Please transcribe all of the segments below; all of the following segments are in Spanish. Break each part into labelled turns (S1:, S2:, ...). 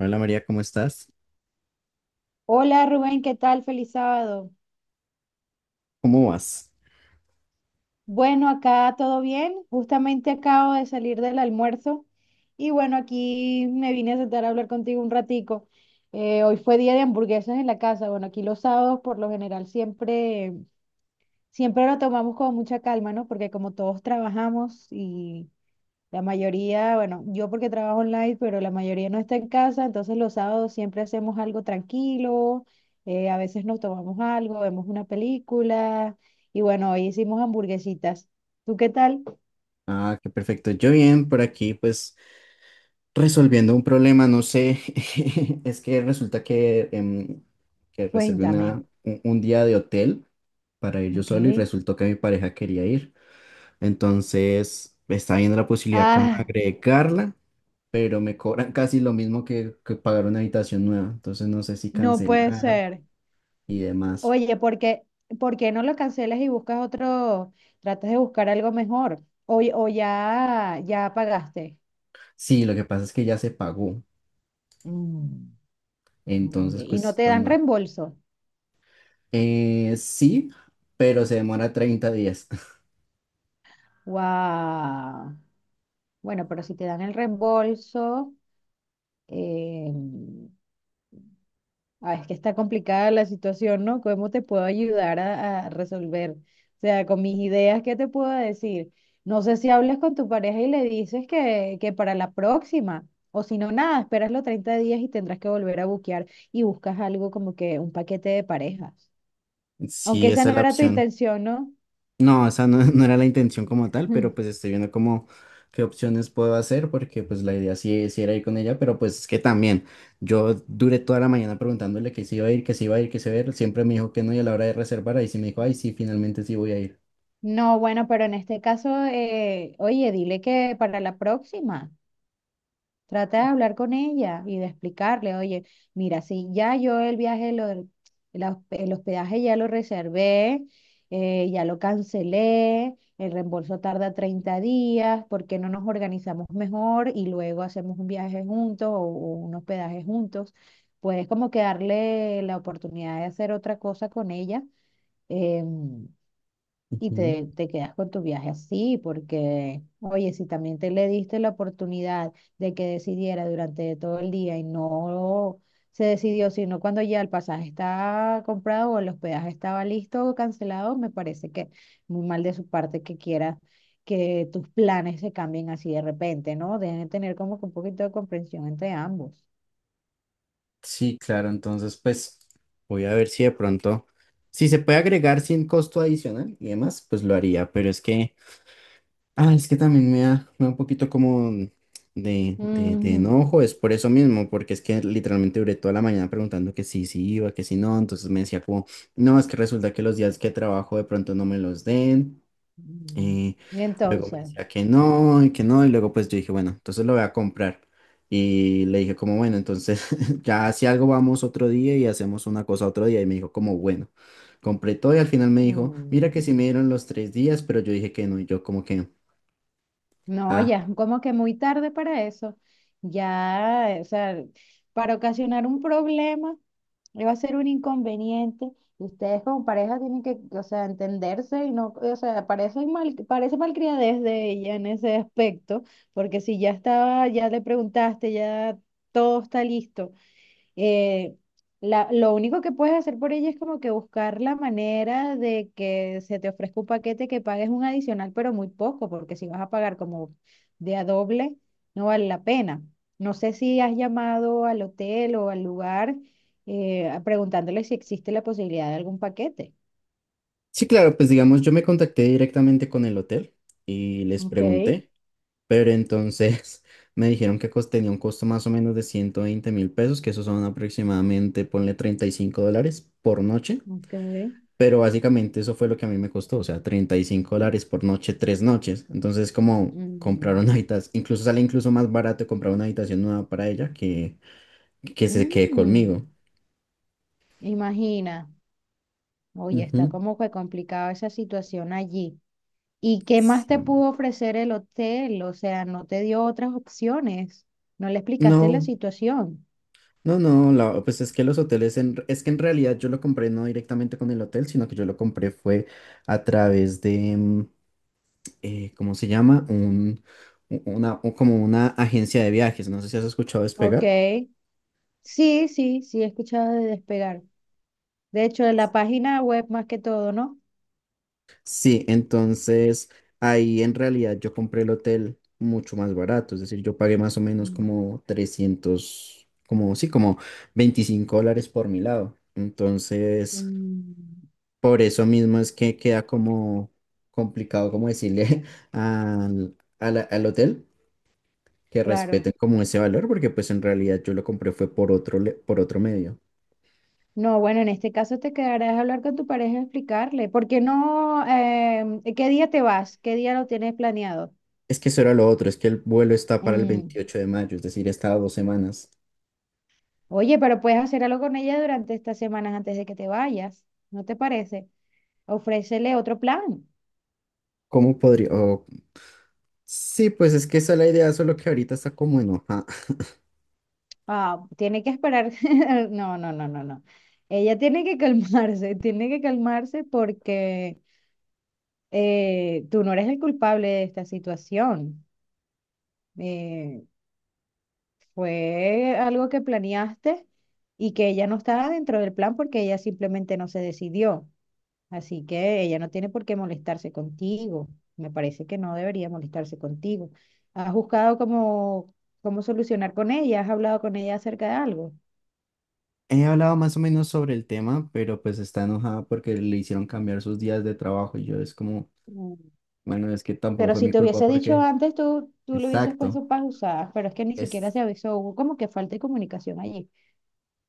S1: Hola María, ¿cómo estás?
S2: Hola Rubén, ¿qué tal? Feliz sábado.
S1: ¿Cómo vas?
S2: Bueno, acá todo bien. Justamente acabo de salir del almuerzo y bueno, aquí me vine a sentar a hablar contigo un ratico. Hoy fue día de hamburguesas en la casa. Bueno, aquí los sábados por lo general siempre, siempre lo tomamos con mucha calma, ¿no? Porque como todos trabajamos y la mayoría, bueno, yo porque trabajo online, pero la mayoría no está en casa, entonces los sábados siempre hacemos algo tranquilo, a veces nos tomamos algo, vemos una película y bueno, hoy hicimos hamburguesitas. ¿Tú qué tal?
S1: Ah, qué perfecto. Yo bien, por aquí pues resolviendo un problema, no sé, es que resulta que, que reservé
S2: Cuéntame.
S1: un día de hotel para ir yo
S2: Ok.
S1: solo y resultó que mi pareja quería ir. Entonces está viendo la posibilidad como de
S2: Ah,
S1: agregarla, pero me cobran casi lo mismo que pagar una habitación nueva. Entonces no sé si
S2: no puede
S1: cancelar
S2: ser.
S1: y demás.
S2: Oye, ¿por qué no lo cancelas y buscas otro, tratas de buscar algo mejor? O ya, ya pagaste.
S1: Sí, lo que pasa es que ya se pagó.
S2: Mm, muy
S1: Entonces,
S2: bien. Y
S1: pues
S2: no te dan
S1: cuando...
S2: reembolso.
S1: Sí, pero se demora 30 días.
S2: Wow. Bueno, pero si te dan el reembolso, eh, ah, es que está complicada la situación, ¿no? ¿Cómo te puedo ayudar a resolver? O sea, con mis ideas, ¿qué te puedo decir? No sé si hablas con tu pareja y le dices que para la próxima, o si no, nada, esperas los 30 días y tendrás que volver a buquear y buscas algo como que un paquete de parejas. Aunque
S1: Sí,
S2: esa
S1: esa es
S2: no
S1: la
S2: era tu
S1: opción.
S2: intención, ¿no?
S1: No, esa no, no era la intención como tal, pero pues estoy viendo como qué opciones puedo hacer, porque pues la idea sí, sí era ir con ella, pero pues es que también yo duré toda la mañana preguntándole que si iba a ir, que si iba a ir, que si iba a ir, siempre me dijo que no y a la hora de reservar ahí sí me dijo, ay, sí, finalmente sí voy a ir.
S2: No, bueno, pero en este caso, oye, dile que para la próxima. Trata de hablar con ella y de explicarle, oye, mira, si ya yo el viaje, el hospedaje ya lo reservé, ya lo cancelé, el reembolso tarda 30 días, ¿por qué no nos organizamos mejor y luego hacemos un viaje juntos o un hospedaje juntos? Puedes como que darle la oportunidad de hacer otra cosa con ella. em, y
S1: Ujú.
S2: te quedas con tu viaje así, porque, oye, si también te le diste la oportunidad de que decidiera durante todo el día y no se decidió, sino cuando ya el pasaje está comprado o el hospedaje estaba listo o cancelado, me parece que muy mal de su parte que quiera que tus planes se cambien así de repente, ¿no? Deben de tener como que un poquito de comprensión entre ambos.
S1: Sí, claro, entonces pues voy a ver si de pronto, si se puede agregar sin costo adicional y demás, pues lo haría, pero es que... Ah, es que también me da un poquito como de
S2: Mm,
S1: enojo, es por eso mismo, porque es que literalmente duré toda la mañana preguntando que sí, sí iba, que sí no, entonces me decía como, no, es que resulta que los días que trabajo de pronto no me los den,
S2: mm.
S1: eh,
S2: Y
S1: luego me
S2: entonces,
S1: decía que no, y luego pues yo dije, bueno, entonces lo voy a comprar, y le dije como, bueno, entonces ya si algo vamos otro día y hacemos una cosa otro día, y me dijo como, bueno, compré todo y al final me dijo, mira
S2: mm,
S1: que sí me dieron los 3 días, pero yo dije que no, y yo como que...
S2: no,
S1: Ah.
S2: ya, es como que muy tarde para eso. Ya, o sea, para ocasionar un problema, va a ser un inconveniente. Y ustedes como pareja tienen que, o sea, entenderse y no, o sea, parece mal, parece malcriadez de ella en ese aspecto, porque si ya estaba, ya le preguntaste, ya todo está listo, eh, lo único que puedes hacer por ella es como que buscar la manera de que se te ofrezca un paquete que pagues un adicional, pero muy poco, porque si vas a pagar como de a doble, no vale la pena. No sé si has llamado al hotel o al lugar, preguntándole si existe la posibilidad de algún paquete.
S1: Sí, claro, pues digamos, yo me contacté directamente con el hotel y les
S2: Ok,
S1: pregunté, pero entonces me dijeron que tenía un costo más o menos de 120.000 pesos, que esos son aproximadamente, ponle 35 dólares por noche,
S2: ok.
S1: pero básicamente eso fue lo que a mí me costó, o sea, 35 dólares por noche, 3 noches. Entonces, como comprar una
S2: Mm,
S1: habitación, incluso sale incluso más barato comprar una habitación nueva para ella que se quede conmigo.
S2: mm. Imagina. Oye, está
S1: Ujú.
S2: como que complicada esa situación allí. ¿Y qué más te
S1: Sí.
S2: pudo ofrecer el hotel? O sea, no te dio otras opciones. No le explicaste la
S1: No.
S2: situación.
S1: No, no, pues es que los hoteles, es que en realidad yo lo compré no directamente con el hotel, sino que yo lo compré fue a través de, ¿cómo se llama? Un, u- una, o como una agencia de viajes, no sé si has escuchado
S2: Ok.
S1: Despegar.
S2: Sí, sí, sí, he escuchado de Despegar. De hecho, en la página web más que todo, ¿no?
S1: Sí, entonces ahí en realidad yo compré el hotel mucho más barato, es decir, yo pagué más o menos
S2: Mm,
S1: como 300 como sí, como 25 dólares por mi lado. Entonces...
S2: mm,
S1: Por eso mismo es que queda como complicado como decirle al hotel que
S2: claro.
S1: respeten como ese valor, porque pues en realidad yo lo compré fue por otro, por otro medio.
S2: No, bueno, en este caso te quedarás a hablar con tu pareja y explicarle. ¿Por qué no? ¿Qué día te vas? ¿Qué día lo tienes planeado?
S1: Es que eso era lo otro, es que el vuelo está para el
S2: Mm.
S1: 28 de mayo, es decir, está a 2 semanas.
S2: Oye, pero puedes hacer algo con ella durante estas semanas antes de que te vayas. ¿No te parece? Ofrécele otro plan.
S1: ¿Cómo podría? Sí, pues es que esa es la idea, solo que ahorita está como enojada.
S2: Ah, tiene que esperar. No, no, no, no, no. Ella tiene que calmarse, tiene que calmarse porque tú no eres el culpable de esta situación. Eh, fue algo que planeaste y que ella no estaba dentro del plan porque ella simplemente no se decidió. Así que ella no tiene por qué molestarse contigo. Me parece que no debería molestarse contigo. ¿Has buscado cómo solucionar con ella? ¿Has hablado con ella acerca de algo?
S1: He hablado más o menos sobre el tema, pero pues está enojada porque le hicieron cambiar sus días de trabajo y yo es como,
S2: Mm.
S1: bueno, es que tampoco
S2: Pero
S1: fue
S2: si
S1: mi
S2: te
S1: culpa
S2: hubiese dicho
S1: porque...
S2: antes, tú le hubieses
S1: Exacto.
S2: puesto pausadas, pero es que ni siquiera se avisó, hubo como que falta de comunicación allí.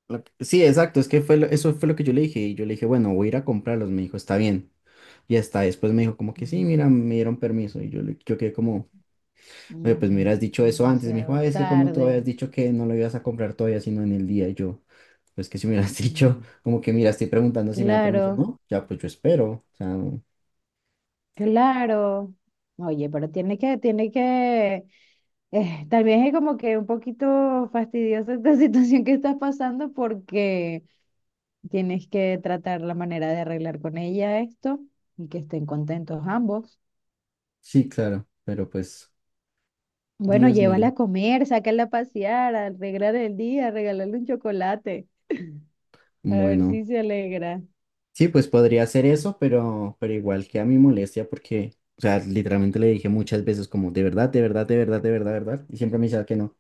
S1: Sí, exacto, es que fue eso fue lo que yo le dije y yo le dije, bueno, voy a ir a comprarlos, me dijo, está bien. Y hasta después me dijo como que sí,
S2: Mm,
S1: mira, me dieron permiso y yo, yo quedé como, "Oye, pues me
S2: mm.
S1: hubieras dicho eso antes". Y me dijo,
S2: Demasiado
S1: "Ay, es que como tú
S2: tarde.
S1: habías dicho que no lo ibas a comprar todavía, sino en el día". Y yo, pues que si me hubieras dicho
S2: Mm.
S1: como que, mira, estoy preguntando si me dan permiso o
S2: Claro,
S1: no, ya pues yo espero. O sea, no.
S2: claro. Oye, pero tiene que, tal vez es como que un poquito fastidiosa esta situación que estás pasando porque tienes que tratar la manera de arreglar con ella esto y que estén contentos ambos.
S1: Sí, claro, pero pues,
S2: Bueno,
S1: Dios
S2: llévala
S1: mío,
S2: a comer, sácala a pasear, arreglarle el día, regalarle un chocolate, a ver
S1: bueno.
S2: si se alegra.
S1: Sí, pues podría hacer eso, pero igual que a mi molestia, porque, o sea, literalmente le dije muchas veces como, de verdad, de verdad, de verdad, de verdad, verdad, y siempre me decía que no.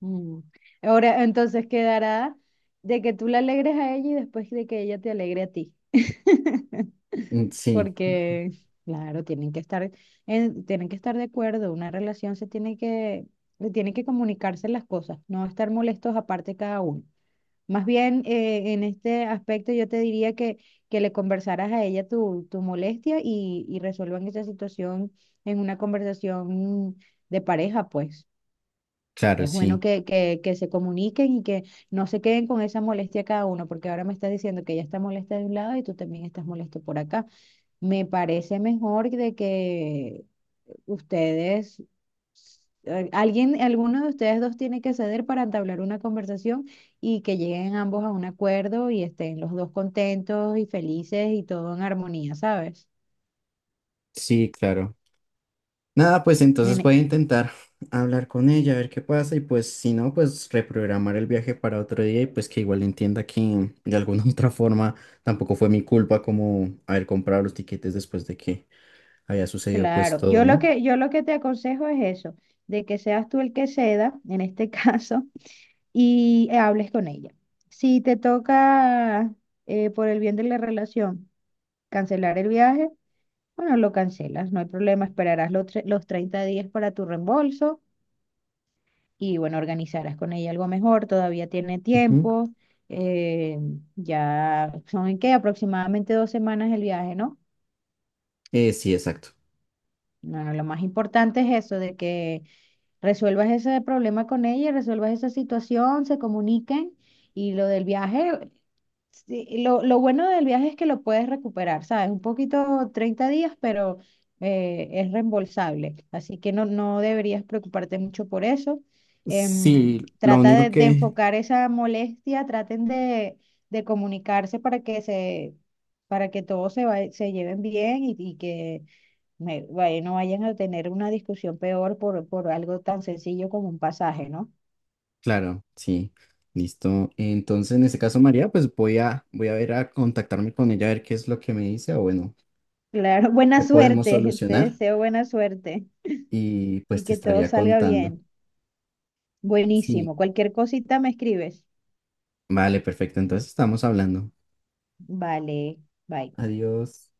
S2: Mm. Ahora, entonces quedará de que tú la alegres a ella y después de que ella te alegre a ti.
S1: Mm, sí,
S2: Porque, claro, tienen que estar de acuerdo, una relación se tiene que comunicarse las cosas, no estar molestos aparte cada uno. Más bien, en este aspecto yo te diría que le conversaras a ella tu molestia y resuelvan esa situación en una conversación de pareja, pues.
S1: claro,
S2: Es bueno
S1: sí,
S2: que se comuniquen y que no se queden con esa molestia cada uno, porque ahora me estás diciendo que ella está molesta de un lado y tú también estás molesto por acá. Me parece mejor de que ustedes, alguien, alguno de ustedes dos tiene que ceder para entablar una conversación y que lleguen ambos a un acuerdo y estén los dos contentos y felices y todo en armonía, ¿sabes?
S1: sí, claro. Nada, pues entonces voy a
S2: En-
S1: intentar hablar con ella, a ver qué pasa, y pues si no, pues reprogramar el viaje para otro día y pues que igual entienda que de alguna otra forma tampoco fue mi culpa como haber comprado los tiquetes después de que había sucedido pues
S2: claro,
S1: todo,
S2: yo lo
S1: ¿no?
S2: que, yo lo que te aconsejo es eso, de que seas tú el que ceda, en este caso, y hables con ella. Si te toca, por el bien de la relación, cancelar el viaje. Bueno, lo cancelas, no hay problema, esperarás los 30 días para tu reembolso y bueno, organizarás con ella algo mejor, todavía tiene
S1: Ujú.
S2: tiempo, eh, ya son en qué, aproximadamente 2 semanas el viaje, ¿no?
S1: Sí, exacto.
S2: Bueno, lo más importante es eso, de que resuelvas ese problema con ella, resuelvas esa situación, se comuniquen y lo del viaje. Sí, lo bueno del viaje es que lo puedes recuperar, ¿sabes? Un poquito 30 días, pero es reembolsable. Así que no, no deberías preocuparte mucho por eso.
S1: Sí,
S2: Em,
S1: lo
S2: trata
S1: único
S2: de
S1: que,
S2: enfocar esa molestia, traten de comunicarse para que se, para que todos se, se lleven bien y que no vayan a tener una discusión peor por algo tan sencillo como un pasaje, ¿no?
S1: claro, sí. Listo. Entonces, en este caso, María, pues voy a ver a contactarme con ella a ver qué es lo que me dice o bueno,
S2: Claro, buena
S1: qué podemos
S2: suerte, te
S1: solucionar
S2: deseo buena suerte.
S1: y pues
S2: Y
S1: te
S2: que todo
S1: estaría
S2: salga
S1: contando.
S2: bien.
S1: Sí.
S2: Buenísimo. Cualquier cosita me escribes.
S1: Vale, perfecto. Entonces estamos hablando.
S2: Vale, bye.
S1: Adiós.